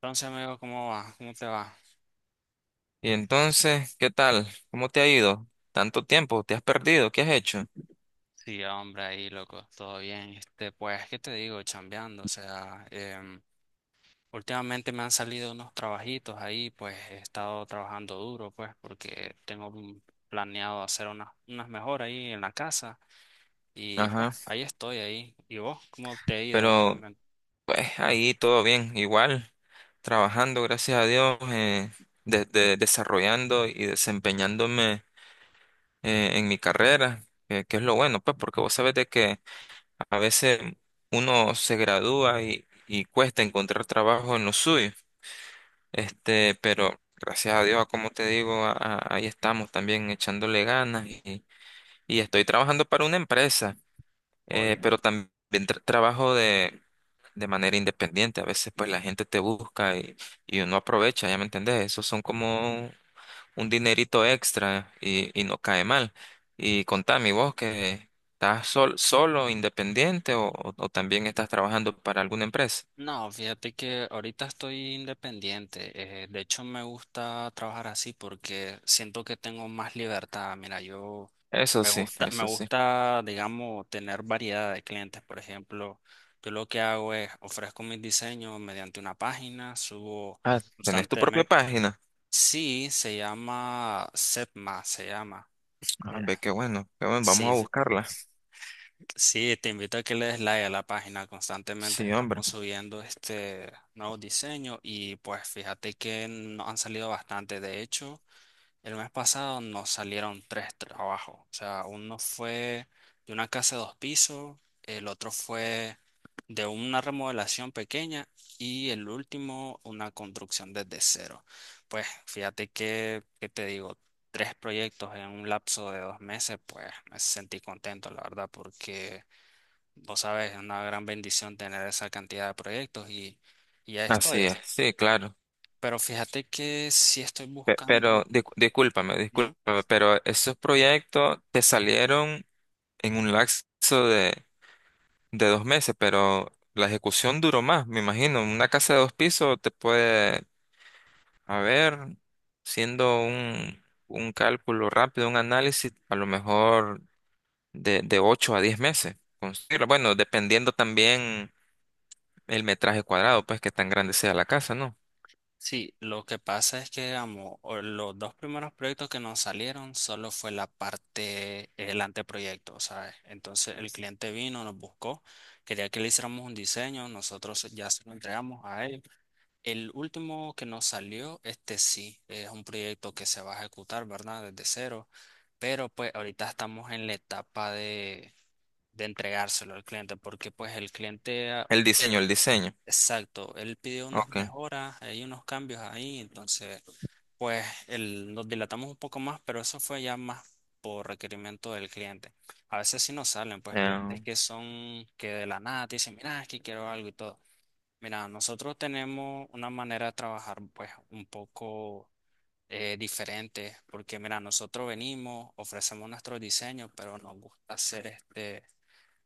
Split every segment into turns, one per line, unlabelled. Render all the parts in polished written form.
Entonces, amigo, ¿cómo va? ¿Cómo te va?
Y entonces, ¿qué tal? ¿Cómo te ha ido? ¿Tanto tiempo? ¿Te has perdido? ¿Qué has hecho?
Sí, hombre, ahí, loco, todo bien. Este, pues, ¿qué te digo? Chambeando, o sea, últimamente me han salido unos trabajitos ahí, pues, he estado trabajando duro, pues, porque planeado hacer unas mejoras ahí en la casa y, pues,
Ajá.
ahí estoy, ahí. ¿Y vos? ¿Cómo te ha ido
Pero,
últimamente?
pues, ahí todo bien, igual, trabajando, gracias a Dios, desarrollando y desempeñándome en mi carrera, que es lo bueno, pues, porque vos sabés de que a veces uno se gradúa y cuesta encontrar trabajo en lo suyo. Este, pero gracias a Dios, como te digo, ahí estamos también echándole ganas y estoy trabajando para una empresa, pero también trabajo de manera independiente. A veces pues la gente te busca y uno aprovecha, ya me entendés, esos son como un dinerito extra y no cae mal. Y contame, ¿y vos que estás solo, independiente o, o también estás trabajando para alguna empresa?
No, fíjate que ahorita estoy independiente. De hecho, me gusta trabajar así porque siento que tengo más libertad. Mira, yo
Eso sí,
me
eso sí.
gusta, digamos, tener variedad de clientes. Por ejemplo, yo lo que hago es ofrezco mis diseños mediante una página, subo
Ah, ¿tenés tu propia
constantemente.
página?
Sí, se llama Setma, se llama.
Ah,
Eh,
ve, qué bueno, vamos
Sí,
a buscarla.
Sí, te invito a que le des like a la página. Constantemente
Sí, hombre.
estamos subiendo este nuevo diseño y pues fíjate que nos han salido bastante. De hecho, el mes pasado nos salieron tres trabajos. O sea, uno fue de una casa de dos pisos, el otro fue de una remodelación pequeña y el último una construcción desde cero. Pues fíjate que, ¿qué te digo? Tres proyectos en un lapso de 2 meses, pues me sentí contento, la verdad, porque... Vos sabes, es una gran bendición tener esa cantidad de proyectos y ya estoy.
Así es, sí, claro.
Pero fíjate que si estoy buscando...
Pero discúlpame,
Ujú.
discúlpame, pero esos proyectos te salieron en un lapso de 2 meses, pero la ejecución duró más, me imagino. Una casa de 2 pisos te puede. A ver, siendo un cálculo rápido, un análisis, a lo mejor de 8 a 10 meses construirlo. Bueno, dependiendo también el metraje cuadrado, pues que tan grande sea la casa, ¿no?
Sí, lo que pasa es que, digamos, los dos primeros proyectos que nos salieron solo fue la parte, el anteproyecto, ¿sabes? Entonces el cliente vino, nos buscó, quería que le hiciéramos un diseño, nosotros ya se lo entregamos a él. El último que nos salió, este sí, es un proyecto que se va a ejecutar, ¿verdad? Desde cero, pero pues ahorita estamos en la etapa de entregárselo al cliente, porque pues el cliente, ah,
El diseño, el diseño.
exacto, él pidió unas
Ok.
mejoras, hay unos cambios ahí, entonces pues nos dilatamos un poco más, pero eso fue ya más por requerimiento del cliente. A veces sí nos salen pues clientes
eh,
que son que de la nada te dicen, mira, es que quiero algo y todo. Mira, nosotros tenemos una manera de trabajar pues un poco diferente, porque mira, nosotros venimos, ofrecemos nuestro diseño, pero nos gusta hacer este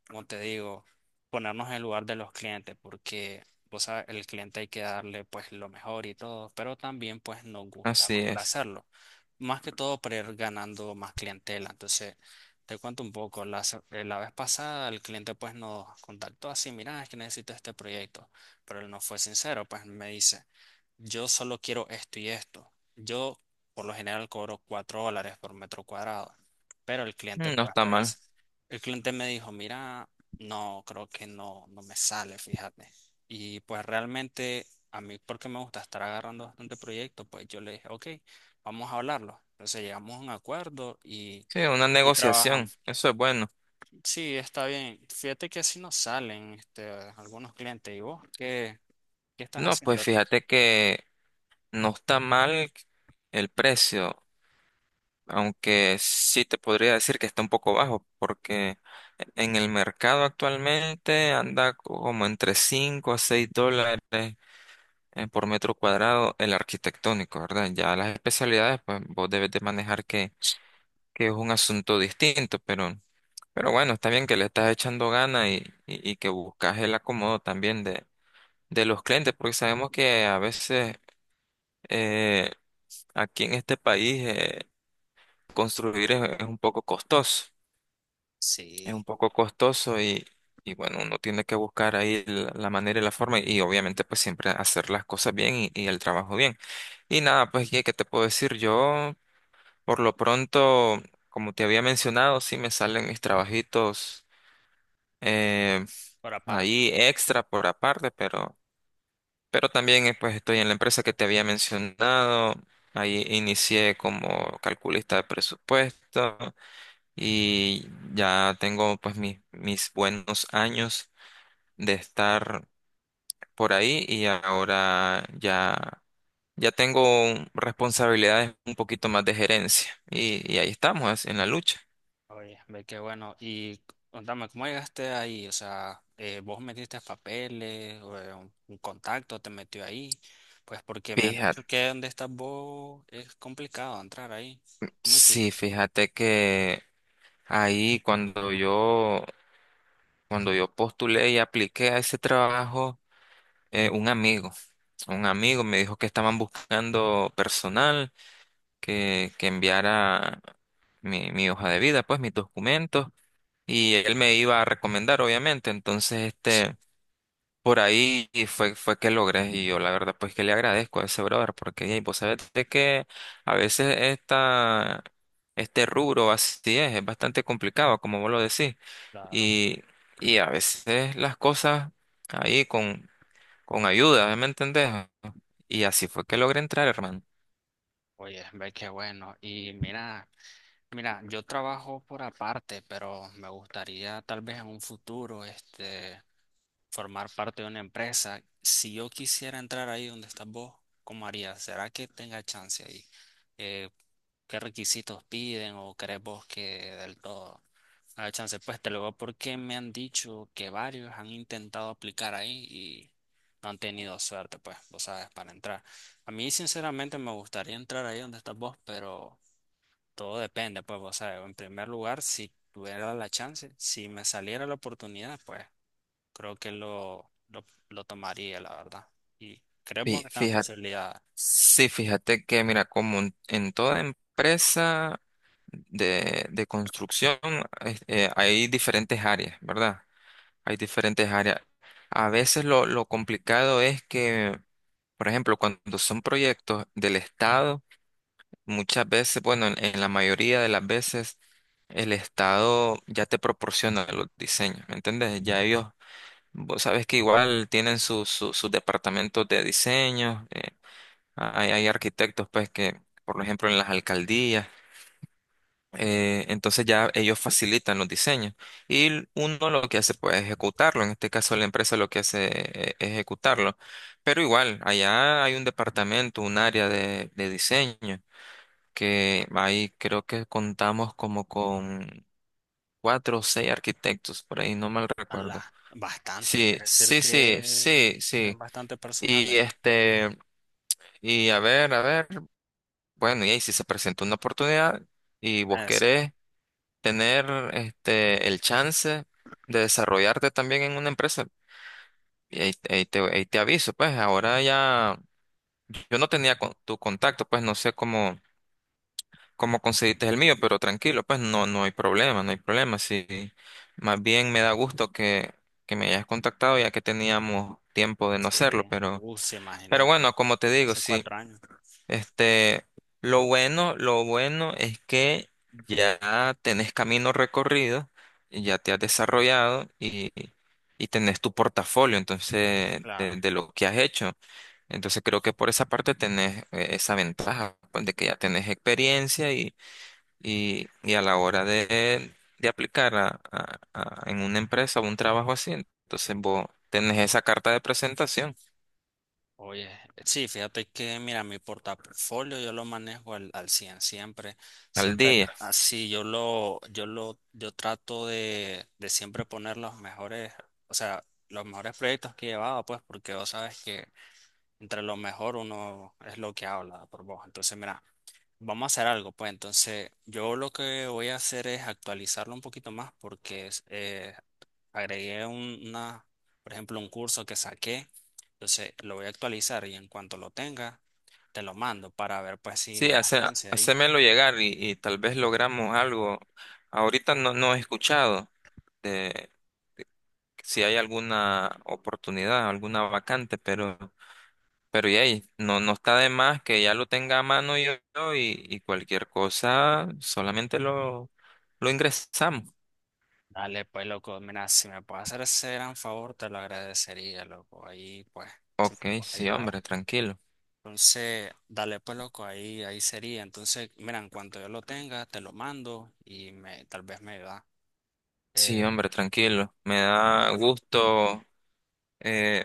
como te digo, ponernos en el lugar de los clientes, porque vos sabes, el cliente hay que darle pues lo mejor y todo, pero también pues nos gusta
Así es.
complacerlo, más que todo para ir ganando más clientela. Entonces, te cuento un poco, la vez pasada el cliente pues nos contactó así, mira, es que necesito este proyecto, pero él no fue sincero, pues me dice, yo solo quiero esto y esto. Yo por lo general cobro $4 por metro cuadrado, pero el cliente
Mm, no
pues
está
me dice...
mal.
El cliente me dijo, mira, no, creo que no, no me sale, fíjate. Y pues realmente a mí, porque me gusta estar agarrando bastante proyecto, pues yo le dije, ok, vamos a hablarlo. Entonces llegamos a un acuerdo
Sí, una
y
negociación.
trabajamos.
Eso es bueno.
Sí, está bien. Fíjate que así nos salen algunos clientes. ¿Y vos qué, qué estás
No,
haciendo
pues
ahorita?
fíjate que no está mal el precio, aunque sí te podría decir que está un poco bajo, porque en el mercado actualmente anda como entre 5 a 6 dólares, por metro cuadrado el arquitectónico, ¿verdad? Ya las especialidades, pues vos debes de manejar que es un asunto distinto, pero bueno, está bien que le estás echando ganas y que buscas el acomodo también de los clientes, porque sabemos que a veces eh, aquí en este país, construir es un poco costoso. Es
Sí,
un poco costoso y bueno, uno tiene que buscar ahí la, la manera y la forma y obviamente pues siempre hacer las cosas bien y el trabajo bien. Y nada, pues ¿qué, qué te puedo decir? Yo por lo pronto, como te había mencionado, sí me salen mis trabajitos, eh,
por aparte.
ahí extra por aparte, pero también, pues estoy en la empresa que te había mencionado. Ahí inicié como calculista de presupuesto y ya tengo pues mis buenos años de estar por ahí y ahora ya, ya tengo responsabilidades un poquito más de gerencia y ahí estamos en la lucha.
Oye, ve qué bueno. Y contame, ¿cómo llegaste ahí? O sea, ¿vos metiste papeles o un contacto te metió ahí? Pues porque me han dicho
Fíjate,
que donde estás vos es complicado entrar ahí. ¿Cómo hiciste?
sí, fíjate que ahí cuando yo postulé y apliqué a ese trabajo, eh, un amigo, un amigo me dijo que estaban buscando personal, que enviara mi hoja de vida, pues mis documentos, y él me iba a recomendar, obviamente. Entonces, este, por ahí fue que logré, y yo la verdad, pues que le agradezco a ese brother, porque ey, vos sabés de que a veces este rubro así es bastante complicado, como vos lo decís,
Claro.
y, y a veces las cosas ahí con ayuda, ¿me entendés? Y así fue que logré entrar, hermano.
Oye, ve qué bueno. Y mira, mira, yo trabajo por aparte, pero me gustaría tal vez en un futuro, este. Formar parte de una empresa, si yo quisiera entrar ahí donde estás vos, ¿cómo harías? ¿Será que tenga chance ahí? Eh, ¿Qué requisitos piden o crees vos que del todo haya chance? Pues te lo digo porque me han dicho que varios han intentado aplicar ahí y no han tenido suerte, pues, vos sabes, para entrar. A mí, sinceramente, me gustaría entrar ahí donde estás vos, pero todo depende, pues, vos sabes, en primer lugar, si tuviera la chance, si me saliera la oportunidad, pues creo que lo tomaría, la verdad. Y creemos que es una
Fíjate.
posibilidad
Sí, fíjate que, mira, como en toda empresa de construcción, hay diferentes áreas, ¿verdad? Hay diferentes áreas. A veces lo complicado es que, por ejemplo, cuando son proyectos del Estado, muchas veces, bueno, en la mayoría de las veces, el Estado ya te proporciona los diseños, ¿me entiendes? Ya ellos, vos sabes que igual tienen sus sus departamentos de diseño. Hay, hay arquitectos, pues, que, por ejemplo, en las alcaldías, entonces ya ellos facilitan los diseños y uno lo que hace, pues, es ejecutarlo. En este caso, la empresa lo que hace, es ejecutarlo. Pero igual, allá hay un departamento, un área de diseño, que ahí creo que contamos como con 4 o 6 arquitectos, por ahí, no mal
a la,
recuerdo.
bastante.
Sí,
Quiere decir
sí, sí,
que
sí,
es
sí.
bastante personal
Y
ahí.
este, y a ver, a ver. Bueno, y ahí si se presenta una oportunidad y vos
Sí,
querés tener este el chance de desarrollarte también en una empresa, y ahí, ahí te aviso, pues ahora ya yo no tenía tu contacto, pues no sé cómo, cómo conseguiste el mío, pero tranquilo, pues no, no hay problema, no hay problema. Sí, más bien me da gusto que me hayas contactado ya que teníamos tiempo de no
sí.
hacerlo,
Sí,
pero
imagínate.
bueno, como te digo,
Hace
sí.
4 años.
Este, lo bueno es que ya tenés camino recorrido, y ya te has desarrollado y tenés tu portafolio, entonces,
Claro.
de lo que has hecho. Entonces creo que por esa parte tenés, esa ventaja, pues, de que ya tenés experiencia y a la hora de aplicar en una empresa o un trabajo así, entonces vos tenés esa carta de presentación
Oye, sí, fíjate que, mira, mi portafolio yo lo manejo al 100 siempre,
al día.
así, yo trato de siempre poner los mejores, o sea, los mejores proyectos que he llevado, pues, porque vos sabes que entre lo mejor uno es lo que habla por voz. Entonces, mira, vamos a hacer algo, pues entonces yo lo que voy a hacer es actualizarlo un poquito más porque es, agregué una, por ejemplo, un curso que saqué, entonces lo voy a actualizar y en cuanto lo tenga, te lo mando para ver pues si
Sí,
me das
hace,
chance ahí.
hacémelo llegar y tal vez logramos algo. Ahorita no, no he escuchado de si hay alguna oportunidad, alguna vacante, pero y ahí, no, no está de más que ya lo tenga a mano yo, yo y cualquier cosa, solamente lo ingresamos.
Dale, pues loco, mira, si me puedes hacer ese gran favor, te lo agradecería, loco. Ahí pues, si
Ok,
me puedes
sí,
ayudar.
hombre, tranquilo.
Entonces, dale pues loco, ahí, ahí sería. Entonces, mira, en cuanto yo lo tenga, te lo mando y me, tal vez me da.
Sí,
Eh,
hombre, tranquilo. Me da gusto, eh,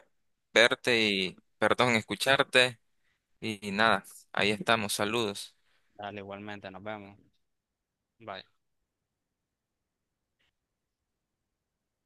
verte y, perdón, escucharte y nada, ahí estamos, saludos.
Dale igualmente, nos vemos. Bye.